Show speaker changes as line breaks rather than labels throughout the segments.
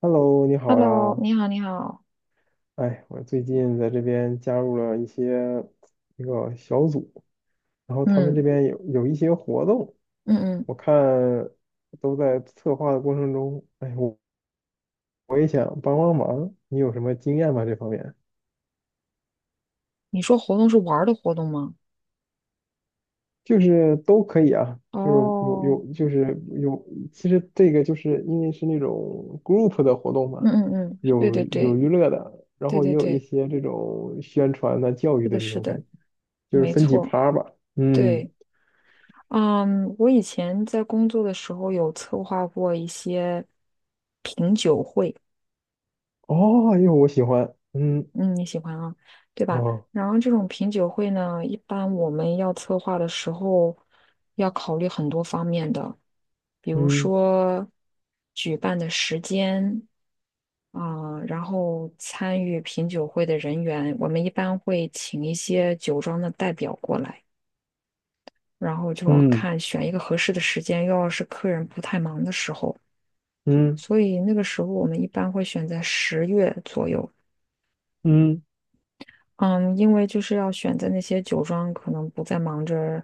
Hello，你好
Hello，
呀！
你好，你好，
哎，我最近在这边加入了一个小组，然后他们这
嗯
边有一些活动，
嗯嗯，
我看都在策划的过程中，哎，我也想帮帮忙，你有什么经验吗？这方面
你说活动是玩儿的活动吗？
就是都可以啊，就是有
哦，
有就是有，其实这个就是因为是那种 group 的活动
嗯
嘛，
嗯嗯，对
有
对
有
对
娱乐的，然
对
后也
对
有一
对，
些这种宣传的、教
是
育的
的，
那
是
种
的，
感觉，就是
没
分几
错，
趴吧，嗯。
对，嗯，我以前在工作的时候有策划过一些品酒会，
哦，因为我喜欢，嗯，
嗯，你喜欢啊，对吧？
哦，
然后这种品酒会呢，一般我们要策划的时候要考虑很多方面的，比如
嗯
说举办的时间。啊、然后参与品酒会的人员，我们一般会请一些酒庄的代表过来，然后就要
嗯
看选一个合适的时间，又要是客人不太忙的时候，
嗯
所以那个时候我们一般会选在10月左右。
嗯，
嗯，因为就是要选在那些酒庄可能不再忙着，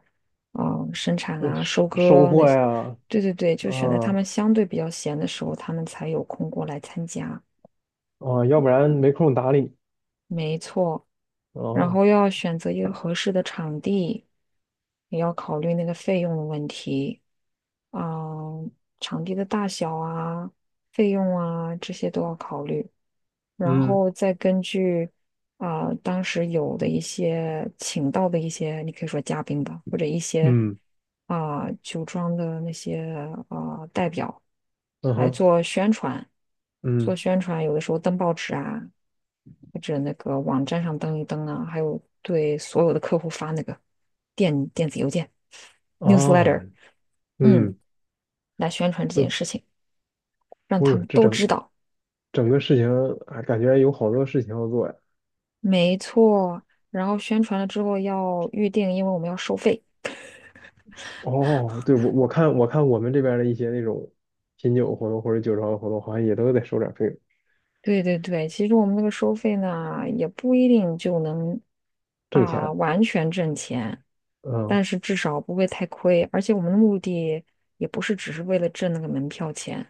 嗯、生产啊、
收
收
收
割那
获
些，
呀，
对对对，就选在他们
啊
相对比较闲的时候，他们才有空过来参加。
啊，要不然没空搭理。
然
哦，
后要选择一个合适的场地，也要考虑那个费用的问题，啊，场地的大小啊、费用啊这些都要考虑，然
嗯
后再根据啊、当时有的一些请到的一些，你可以说嘉宾吧，或者一些
嗯
啊、酒庄的那些啊、代表
嗯
来
哼，
做宣传，做
嗯
宣传，有的时候登报纸啊。或者那个网站上登一登啊，还有对所有的客户发那个电子邮件
哦，
newsletter,嗯，
嗯，
来宣传这
对，
件事情，让
我
他
有
们
这
都
整
知道。
整个事情，啊，感觉有好多事情要做呀。
没错，然后宣传了之后要预定，因为我们要收费。
哦，对，我看我们这边的一些那种品酒活动或者酒庄的活动，好像也都得收点费用
对对对，其实我们那个收费呢，也不一定就能
挣
啊
钱。
完全挣钱，
嗯
但是至少不会太亏。而且我们的目的也不是只是为了挣那个门票钱，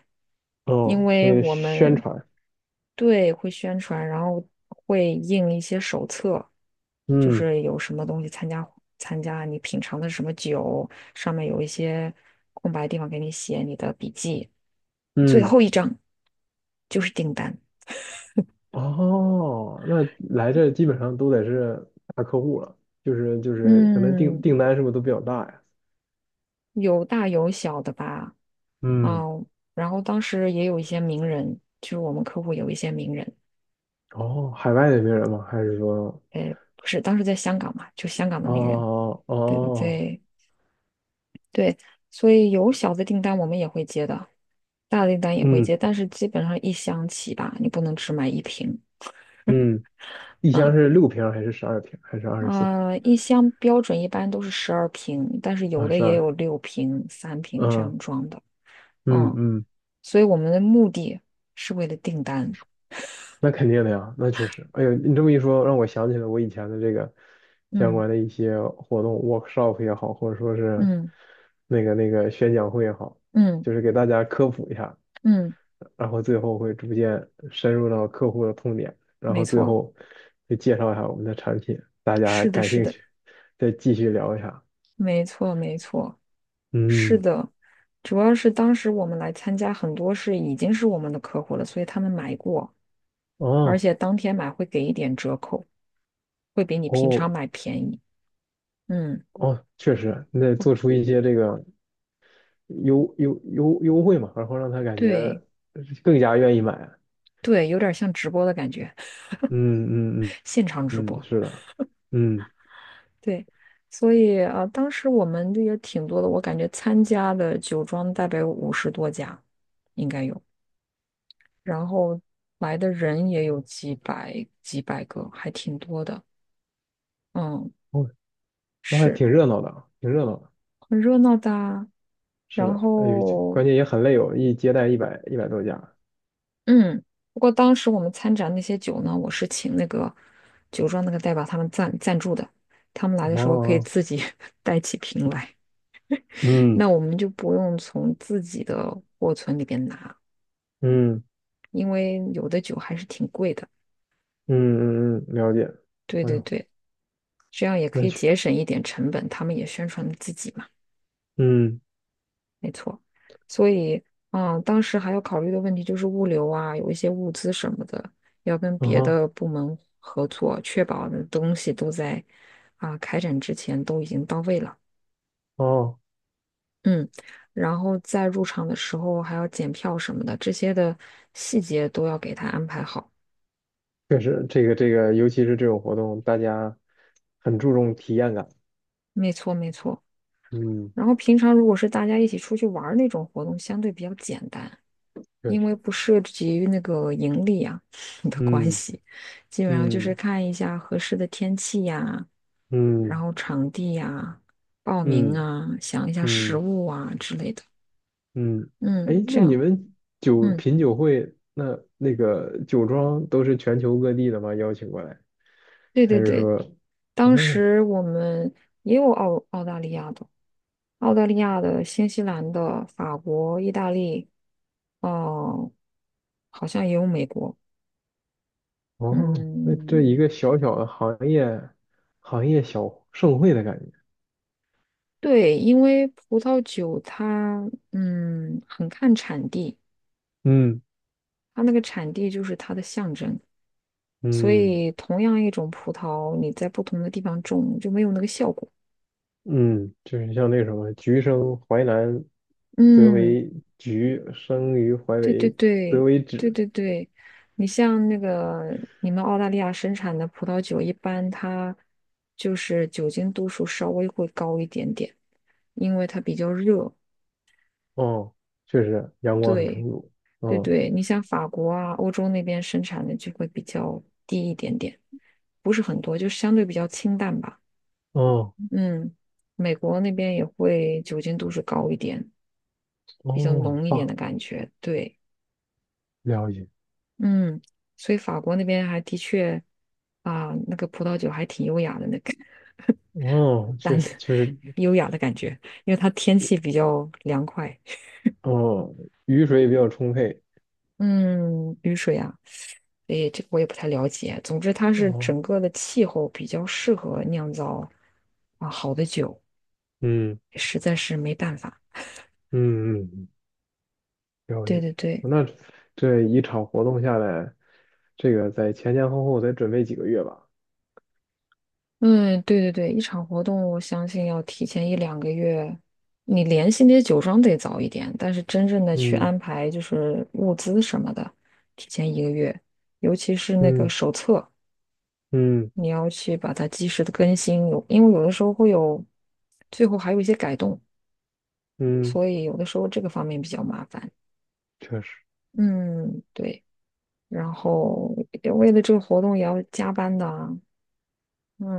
因
哦，
为
为了
我
宣
们
传。
对，会宣传，然后会印一些手册，就
嗯
是有什么东西参加你品尝的什么酒，上面有一些空白地方给你写你的笔记。最
嗯。
后一张就是订单，
哦，那来这基本上都得是大客户了，就是可能订
嗯，
订单是不是都比较大呀？
有大有小的吧，
嗯，
嗯，然后当时也有一些名人，就是我们客户有一些名人，
哦，海外的名人吗？还是说，
不是当时在香港嘛，就香港的名人，
哦
对对
哦，
对。对，所以有小的订单我们也会接的，大的订单也会
嗯
接，但是基本上一箱起吧，你不能只买一瓶。
嗯，一箱
嗯，
是6瓶儿还是12瓶儿还是二十四瓶
呃，一箱标准一般都是12瓶，但是
儿
有
啊？
的
十
也有
二，
6瓶、3瓶这
嗯
样装的。
嗯
嗯，
嗯，
所以我们的目的是为了订单。
那肯定的呀，那确实。哎呦，你这么一说，让我想起了我以前的这个相
嗯
关的一些活动，workshop 也好，或者说是
嗯
那个宣讲会也好，
嗯
就是给大家科普一下，
嗯，
然后最后会逐渐深入到客户的痛点，然
没
后最
错，
后会介绍一下我们的产品，大家还
是的，
感
是
兴
的，
趣，再继续聊一下。
没错，没错，是
嗯，
的。主要是当时我们来参加，很多是已经是我们的客户了，所以他们买过。而
哦，
且当天买会给一点折扣，会比你平
哦，
常买便宜。嗯，
哦，确实，你得做出一些这个优惠嘛，然后让他感觉
对
更加愿意买。
对，有点像直播的感觉，
嗯嗯
现场直
嗯嗯，
播。
是的，嗯，
对，所以啊，当时我们也挺多的，我感觉参加的酒庄大概有50多家，应该有，然后来的人也有几百几百个，还挺多的。嗯，
哦，那还
是
挺热闹的啊挺热闹的。
很热闹的啊
是
然
的，哎呦，
后
关键也很累哦，一接待一百多家。
嗯，不过当时我们参展那些酒呢，我是请那个酒庄那个代表他们赞助的，他们来的时候可以
哦，
自己 带起瓶来，
嗯
那我们就不用从自己的货存里边拿，
嗯。
因为有的酒还是挺贵的。
嗯嗯嗯，了解。
对
哎
对
呦，
对，这样也可
那
以
去，
节省一点成本，他们也宣传自己嘛。
嗯，
所以啊，当时还要考虑的问题就是物流啊，有一些物资什么的，要跟
啊
别
哈，
的部门合作，确保的东西都在啊开展之前都已经到位了。
哦，
嗯，然后在入场的时候还要检票什么的，这些的细节都要给他安排好。
确实，这个，尤其是这种活动，大家很注重体验感。
没错，没错。
嗯，
然后平常如果是大家一起出去玩儿那种活动，相对比较简单。
确
因为
实，
不涉及于那个盈利啊 的关
嗯
系，基本上就是
嗯
看一下合适的天气呀，然
嗯
后场地呀，报名
嗯
啊，想一下食
嗯
物啊之类的。
嗯。哎，
嗯，
那
这
你
样，
们
嗯，
品酒会，那个酒庄都是全球各地的吗？邀请过来，
对
还
对
是
对，
说，
当
哦
时我们也有澳大利亚的、澳大利亚的、新西兰的、法国、意大利，哦、好像也有美国，
哦，那这
嗯。
一个小小的行业小盛会的感觉。
对，因为葡萄酒它嗯很看产地，
嗯
它那个产地就是它的象征，所
嗯。
以同样一种葡萄，你在不同的地方种就没有那个效果。
嗯，就是像那个什么“橘生淮南，则
嗯，
为橘；生于淮
对对
北，则
对
为
对
枳。”
对对，你像那个你们澳大利亚生产的葡萄酒，一般它就是酒精度数稍微会高一点点，因为它比较热。
哦，确实阳光很充
对，
足。
对
哦
对，你像法国啊，欧洲那边生产的就会比较低一点点，不是很多，就相对比较清淡吧。
哦
嗯，美国那边也会酒精度数高一点，比较
哦，
浓一点的感觉。对，
了解。
嗯，所以法国那边还的确啊，那个葡萄酒还挺优雅的，那个
哦，确
淡的
实确实，
优雅的感觉，因为它天气比较凉快。
哦，雨水也比较充沛。
嗯，雨水啊。所以这个我也不太了解。总之，它是
哦，
整个的气候比较适合酿造啊好的酒，
嗯
实在是没办法。
嗯嗯，嗯了
对
解。
对对，
那这一场活动下来，这个在前前后后得准备几个月吧？
嗯，对对对，一场活动我相信要提前一两个月，你联系那些酒庄得早一点，但是真正的去
嗯
安排就是物资什么的，提前1个月，尤其是那个
嗯
手册，
嗯
你要去把它及时的更新，有因为有的时候会有，最后还有一些改动，
嗯，
所以有的时候这个方面比较麻烦。
确实。
嗯，对，然后也为了这个活动也要加班的啊，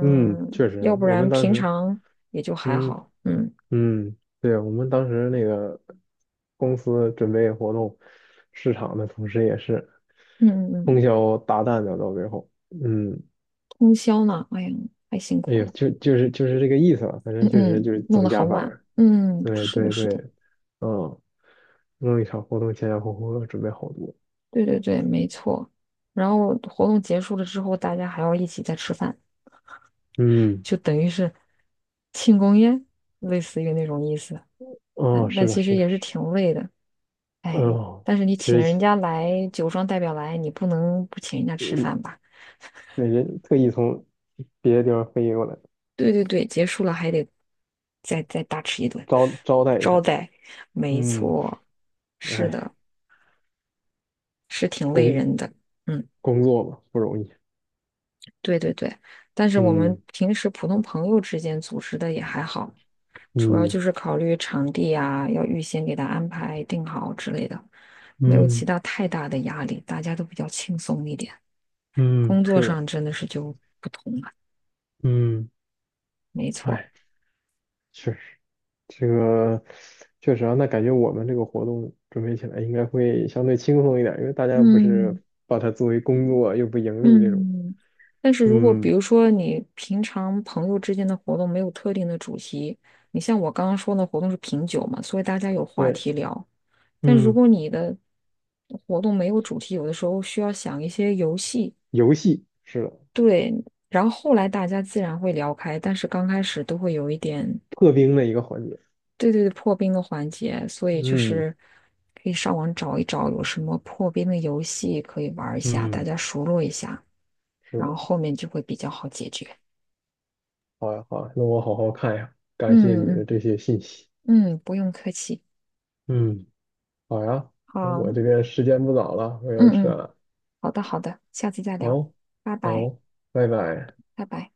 嗯，确实，
要不
我们
然
当
平
时，
常也就还
嗯
好，嗯
嗯，对，我们当时那个公司准备活动，市场的同时也是
嗯嗯，嗯，
通宵达旦的到最后，嗯，
通宵呢，哎呀，太辛
哎
苦
呀，
了，
就是这个意思吧，反正
嗯
确实
嗯，
就是
弄
总
得
加
很
班
晚，
儿
嗯，
对
是的，
对
是
对，
的，
嗯，弄一场活动前前后后要准备好多，
对对对，没错。然后活动结束了之后，大家还要一起再吃饭，
嗯，
就等于是庆功宴，类似于那种意思，
哦，
但
是
但
的，
其实
是的，
也
是
是挺累的。
的，
哎，
哦，
但是你
其
请
实
了人
其，
家来，酒庄代表来，你不能不请人家吃
嗯，
饭吧？
那人特意从别的地方飞过来
对对对，结束了还得再大吃一顿，
招待一
招
下，
待，没
嗯。
错，是
哎，
的，是挺累
工
人的。嗯，
工作嘛，不容易。
对对对，但是我们
嗯
平时普通朋友之间组织的也还好，主要
嗯
就是考虑场地啊，要预先给他安排定好之类的，没有其
嗯
他太大的压力，大家都比较轻松一点。
嗯，
工作
是的，
上真的是就不同了，
嗯，
没错。
哎，确实，这个确实啊，那感觉我们这个活动准备起来应该会相对轻松一点，因为大家不
嗯
是把它作为工作又不盈利那种。
嗯，但是如果比
嗯，
如说你平常朋友之间的活动没有特定的主题，你像我刚刚说的活动是品酒嘛，所以大家有话
对，
题聊。但如
嗯，
果你的活动没有主题，有的时候需要想一些游戏，
游戏是的，
对，然后后来大家自然会聊开，但是刚开始都会有一点，
破冰的一个环节。
对对对，破冰的环节，所以就
嗯
是可以上网找一找有什么破冰的游戏可以玩一下，大
嗯，
家熟络一下。
是
然后
的，
后面就会比较好解决。
好呀好呀，那我好好看呀，感谢你的
嗯
这些信息。
嗯嗯，不用客气。
嗯。好呀，那
好，
我
嗯
这边时间不早了，我要撤
嗯，
了。
好的好的，下次再聊，
好，
拜拜
好，拜拜。
拜拜。